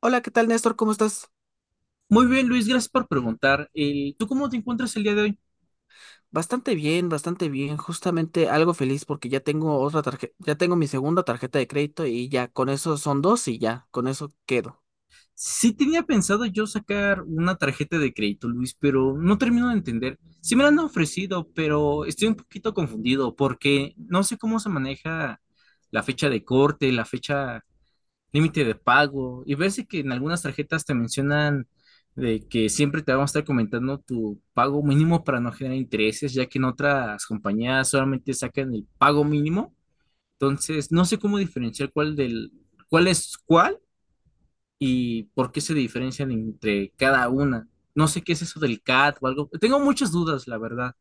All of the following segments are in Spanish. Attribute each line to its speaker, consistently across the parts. Speaker 1: Hola, ¿qué tal, Néstor? ¿Cómo estás?
Speaker 2: Muy bien, Luis, gracias por preguntar. ¿Tú cómo te encuentras el día de hoy?
Speaker 1: Bastante bien. Justamente algo feliz porque ya tengo otra tarjeta, ya tengo mi segunda tarjeta de crédito y ya con eso son dos y ya, con eso quedo.
Speaker 2: Sí tenía pensado yo sacar una tarjeta de crédito, Luis, pero no termino de entender. Sí me la han ofrecido, pero estoy un poquito confundido porque no sé cómo se maneja la fecha de corte, la fecha límite de pago. Y ves que en algunas tarjetas te mencionan de que siempre te van a estar comentando tu pago mínimo para no generar intereses, ya que en otras compañías solamente sacan el pago mínimo. Entonces, no sé cómo diferenciar cuál es cuál y por qué se diferencian entre cada una. No sé qué es eso del CAT o algo. Tengo muchas dudas, la verdad.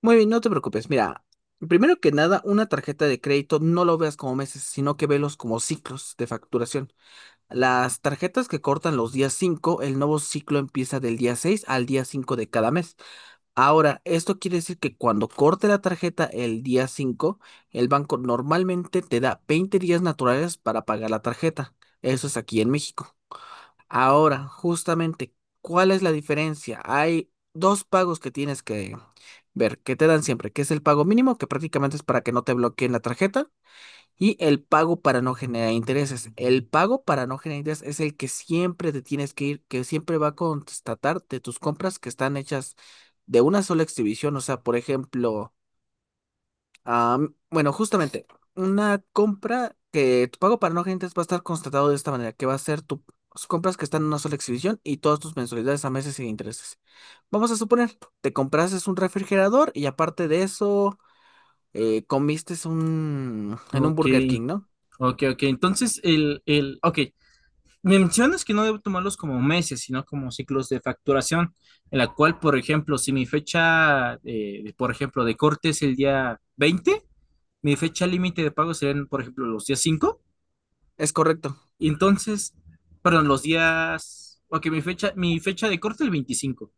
Speaker 1: Muy bien, no te preocupes. Mira, primero que nada, una tarjeta de crédito no lo veas como meses, sino que velos como ciclos de facturación. Las tarjetas que cortan los días 5, el nuevo ciclo empieza del día 6 al día 5 de cada mes. Ahora, esto quiere decir que cuando corte la tarjeta el día 5, el banco normalmente te da 20 días naturales para pagar la tarjeta. Eso es aquí en México. Ahora, justamente, ¿cuál es la diferencia? Hay dos pagos que tienes que ver, que te dan siempre, que es el pago mínimo, que prácticamente es para que no te bloqueen la tarjeta, y el pago para no generar intereses. El pago para no generar intereses es el que siempre te tienes que ir, que siempre va a constatar de tus compras que están hechas de una sola exhibición. O sea, por ejemplo, justamente una compra que tu pago para no generar intereses va a estar constatado de esta manera, que va a ser tus compras que están en una sola exhibición y todas tus mensualidades a meses sin intereses. Vamos a suponer, te compraste un refrigerador y aparte de eso, comiste en un
Speaker 2: Ok,
Speaker 1: Burger King, ¿no?
Speaker 2: ok, ok. Entonces, ok. Me mencionas que no debo tomarlos como meses, sino como ciclos de facturación, en la cual, por ejemplo, si mi fecha, por ejemplo, de corte es el día 20, mi fecha límite de pago serían, por ejemplo, los días 5.
Speaker 1: Es correcto.
Speaker 2: Y entonces, perdón, los días, ok, mi fecha de corte el 25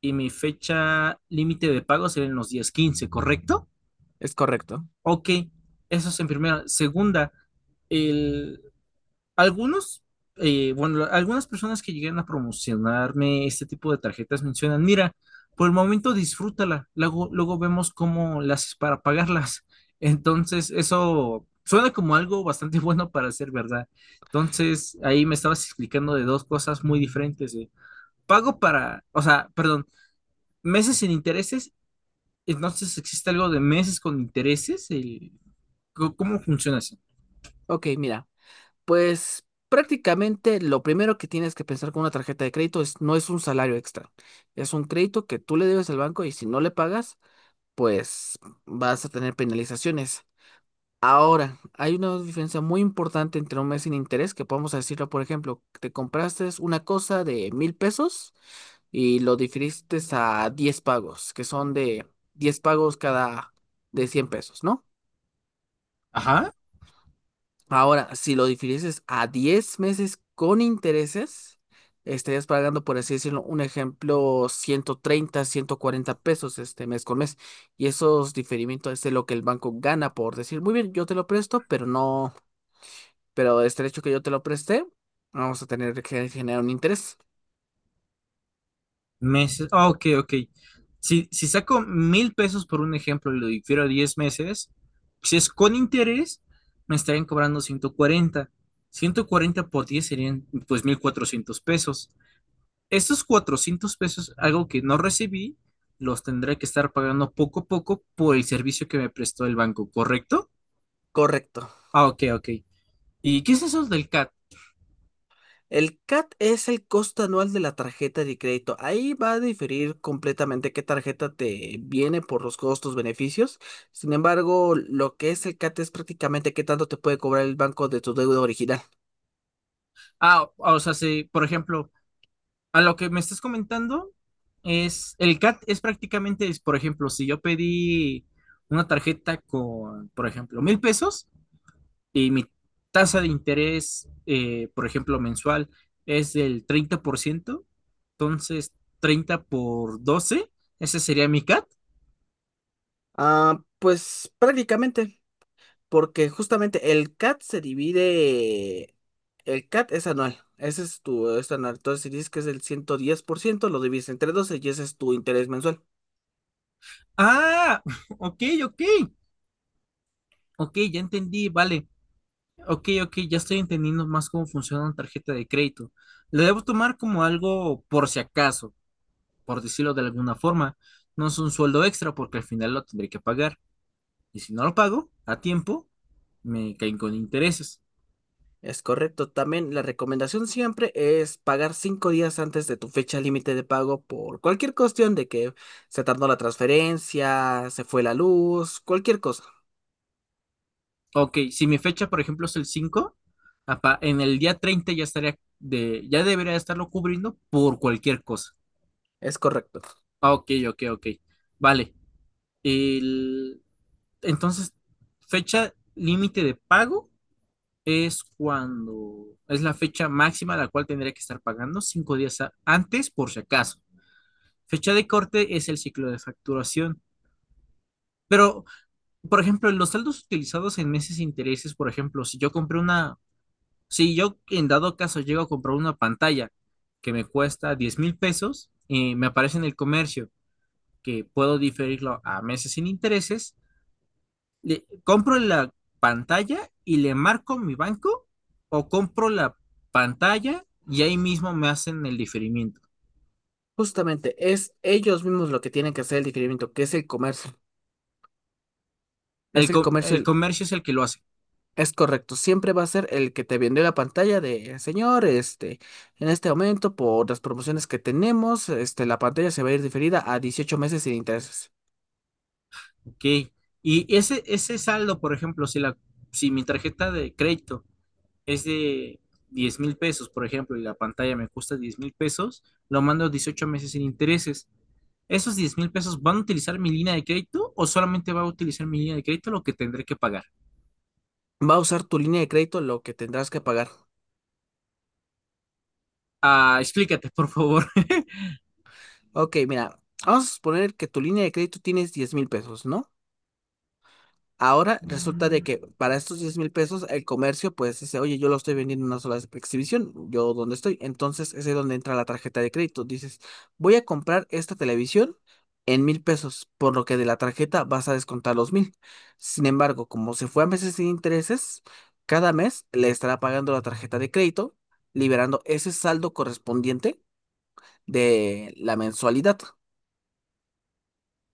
Speaker 2: y mi fecha límite de pago será en los días 15, ¿correcto?
Speaker 1: Es correcto.
Speaker 2: Ok, eso es en primera. Segunda, el, algunos, bueno, algunas personas que llegan a promocionarme este tipo de tarjetas mencionan, mira, por el momento disfrútala, luego, luego vemos cómo las haces para pagarlas. Entonces, eso suena como algo bastante bueno para ser verdad. Entonces, ahí me estabas explicando de dos cosas muy diferentes. O sea, perdón, meses sin intereses. Entonces, ¿existe algo de meses con intereses? ¿Cómo funciona eso?
Speaker 1: Ok, mira, pues prácticamente lo primero que tienes que pensar con una tarjeta de crédito es no es un salario extra, es un crédito que tú le debes al banco y si no le pagas, pues vas a tener penalizaciones. Ahora, hay una diferencia muy importante entre un mes sin interés, que podemos decirlo, por ejemplo, te compraste una cosa de mil pesos y lo difiriste a 10 pagos, que son de 10 pagos cada de 100 pesos, ¿no?
Speaker 2: Ajá.
Speaker 1: Ahora, si lo difirieses a 10 meses con intereses, estarías pagando, por así decirlo, un ejemplo, ciento treinta, ciento cuarenta pesos este mes con mes. Y esos diferimientos es de lo que el banco gana por decir, muy bien, yo te lo presto, pero no, pero este hecho que yo te lo presté, vamos a tener que generar un interés.
Speaker 2: Meses. Ah, ok, ok. Si saco 1,000 pesos por un ejemplo y lo difiero a 10 meses, si es con interés, me estarían cobrando 140, 140 por 10 serían pues 1,400 pesos. Estos 400 pesos, algo que no recibí, los tendré que estar pagando poco a poco por el servicio que me prestó el banco, ¿correcto?
Speaker 1: Correcto.
Speaker 2: Ah, ok, ok. ¿Y qué es eso del CAT?
Speaker 1: El CAT es el costo anual de la tarjeta de crédito. Ahí va a diferir completamente qué tarjeta te viene por los costos, beneficios. Sin embargo, lo que es el CAT es prácticamente qué tanto te puede cobrar el banco de tu deuda original.
Speaker 2: Ah, o sea, si, por ejemplo, a lo que me estás comentando es, el CAT es prácticamente, es, por ejemplo, si yo pedí una tarjeta con, por ejemplo, 1,000 pesos y mi tasa de interés, por ejemplo, mensual es del 30%, entonces 30 por 12, ese sería mi CAT.
Speaker 1: Ah, pues prácticamente, porque justamente el CAT se divide, el CAT es anual, ese es tu es anual. Entonces, si dices que es el 110% lo divides entre 12 y ese es tu interés mensual.
Speaker 2: Ah, ok, ok, ok, ya entendí, vale. Ok, ok, ya estoy entendiendo más cómo funciona una tarjeta de crédito. Lo debo tomar como algo por si acaso, por decirlo de alguna forma. No es un sueldo extra porque al final lo tendré que pagar. Y si no lo pago a tiempo, me caen con intereses.
Speaker 1: Es correcto. También la recomendación siempre es pagar cinco días antes de tu fecha límite de pago por cualquier cuestión de que se tardó la transferencia, se fue la luz, cualquier cosa.
Speaker 2: Ok, si mi fecha, por ejemplo, es el 5, en el día 30 ya estaría ya debería estarlo cubriendo por cualquier cosa.
Speaker 1: Es correcto.
Speaker 2: Ah, ok, ok, ok. Vale. El, entonces, fecha límite de pago es cuando es la fecha máxima a la cual tendría que estar pagando 5 días antes por si acaso. Fecha de corte es el ciclo de facturación. Pero, por ejemplo, los saldos utilizados en meses e intereses, por ejemplo, si yo en dado caso llego a comprar una pantalla que me cuesta 10,000 pesos, me aparece en el comercio que puedo diferirlo a meses sin intereses, compro la pantalla y le marco mi banco o compro la pantalla y ahí mismo me hacen el diferimiento.
Speaker 1: Justamente es ellos mismos lo que tienen que hacer el diferimiento, que es el comercio.
Speaker 2: El,
Speaker 1: Es el
Speaker 2: co-
Speaker 1: comercio,
Speaker 2: el
Speaker 1: el-
Speaker 2: comercio es el que lo hace.
Speaker 1: es correcto. Siempre va a ser el que te vendió la pantalla de, señor, este, en este momento, por las promociones que tenemos, este, la pantalla se va a ir diferida a 18 meses sin intereses.
Speaker 2: Ok. Y ese saldo, por ejemplo, si mi tarjeta de crédito es de 10,000 pesos, por ejemplo, y la pantalla me cuesta 10,000 pesos, lo mando 18 meses sin intereses. ¿Esos 10,000 pesos van a utilizar mi línea de crédito o solamente va a utilizar mi línea de crédito lo que tendré que pagar?
Speaker 1: Va a usar tu línea de crédito lo que tendrás que pagar.
Speaker 2: Ah, explícate, por favor.
Speaker 1: Ok, mira, vamos a suponer que tu línea de crédito tienes 10 mil pesos, ¿no? Ahora resulta de que para estos 10 mil pesos el comercio pues dice, oye, yo lo estoy vendiendo en una sola exhibición, yo donde estoy. Entonces ese es ahí donde entra la tarjeta de crédito. Dices, voy a comprar esta televisión en mil pesos, por lo que de la tarjeta vas a descontar los mil. Sin embargo, como se fue a meses sin intereses, cada mes le estará pagando la tarjeta de crédito, liberando ese saldo correspondiente de la mensualidad,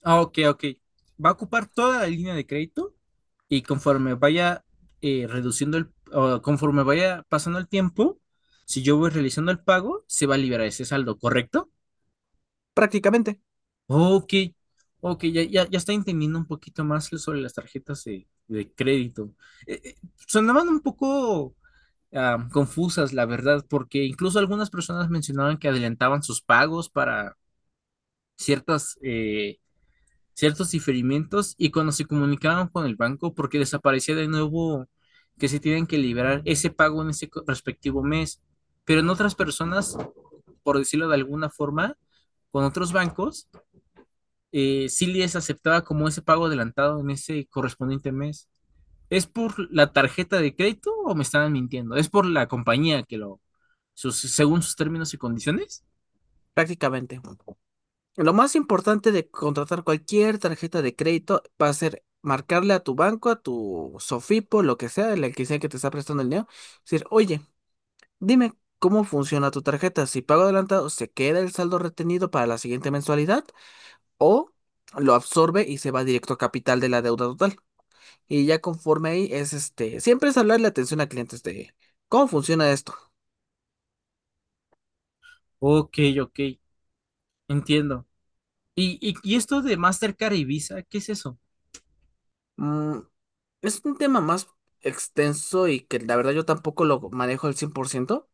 Speaker 2: Ah, ok, ok. Va a ocupar toda la línea de crédito y conforme vaya o conforme vaya pasando el tiempo, si yo voy realizando el pago, se va a liberar ese saldo, ¿correcto?
Speaker 1: prácticamente.
Speaker 2: Ok, ok, ya, ya, ya estoy entendiendo un poquito más sobre las tarjetas de crédito. Eh, eh, sonaban un poco confusas, la verdad, porque incluso algunas personas mencionaban que adelantaban sus pagos para ciertas ciertos diferimientos y cuando se comunicaban con el banco, porque desaparecía de nuevo que se tienen que liberar ese pago en ese respectivo mes. Pero en otras personas, por decirlo de alguna forma, con otros bancos, sí les aceptaba como ese pago adelantado en ese correspondiente mes. ¿Es por la tarjeta de crédito o me estaban mintiendo? ¿Es por la compañía según sus términos y condiciones?
Speaker 1: Prácticamente. Lo más importante de contratar cualquier tarjeta de crédito va a ser marcarle a tu banco, a tu Sofipo, lo que sea, el que sea que te está prestando el dinero, decir, oye, dime cómo funciona tu tarjeta. Si pago adelantado, ¿se queda el saldo retenido para la siguiente mensualidad? ¿O lo absorbe y se va directo a capital de la deuda total? Y ya conforme ahí es este, siempre es hablarle atención a clientes de cómo funciona esto.
Speaker 2: Ok, ok, entiendo. ¿Y esto de Mastercard y Visa, qué es eso?
Speaker 1: Mm, Es un tema más extenso y que la verdad yo tampoco lo manejo al cien por ciento.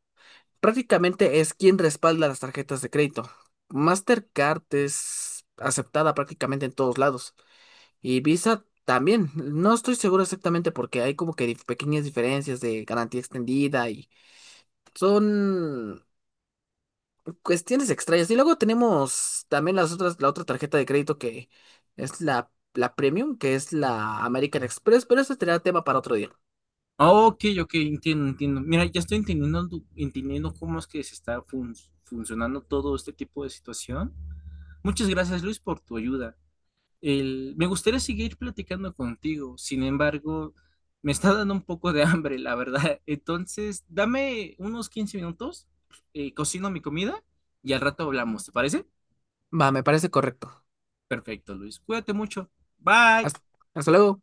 Speaker 1: Prácticamente es quien respalda las tarjetas de crédito. Mastercard es aceptada prácticamente en todos lados y Visa también. No estoy seguro exactamente porque hay como que dif- pequeñas diferencias de garantía extendida y son cuestiones extrañas. Y luego tenemos también las otras, la otra tarjeta de crédito que es la Premium, que es la American Express, pero ese será tema para otro día.
Speaker 2: Ah, ok, ok, entiendo, entiendo. Mira, ya estoy entendiendo, entendiendo cómo es que se está funcionando todo este tipo de situación. Muchas gracias, Luis, por tu ayuda. Me gustaría seguir platicando contigo, sin embargo, me está dando un poco de hambre, la verdad. Entonces, dame unos 15 minutos, cocino mi comida y al rato hablamos, ¿te parece?
Speaker 1: Va, me parece correcto.
Speaker 2: Perfecto, Luis. Cuídate mucho. Bye.
Speaker 1: Hasta, hasta luego.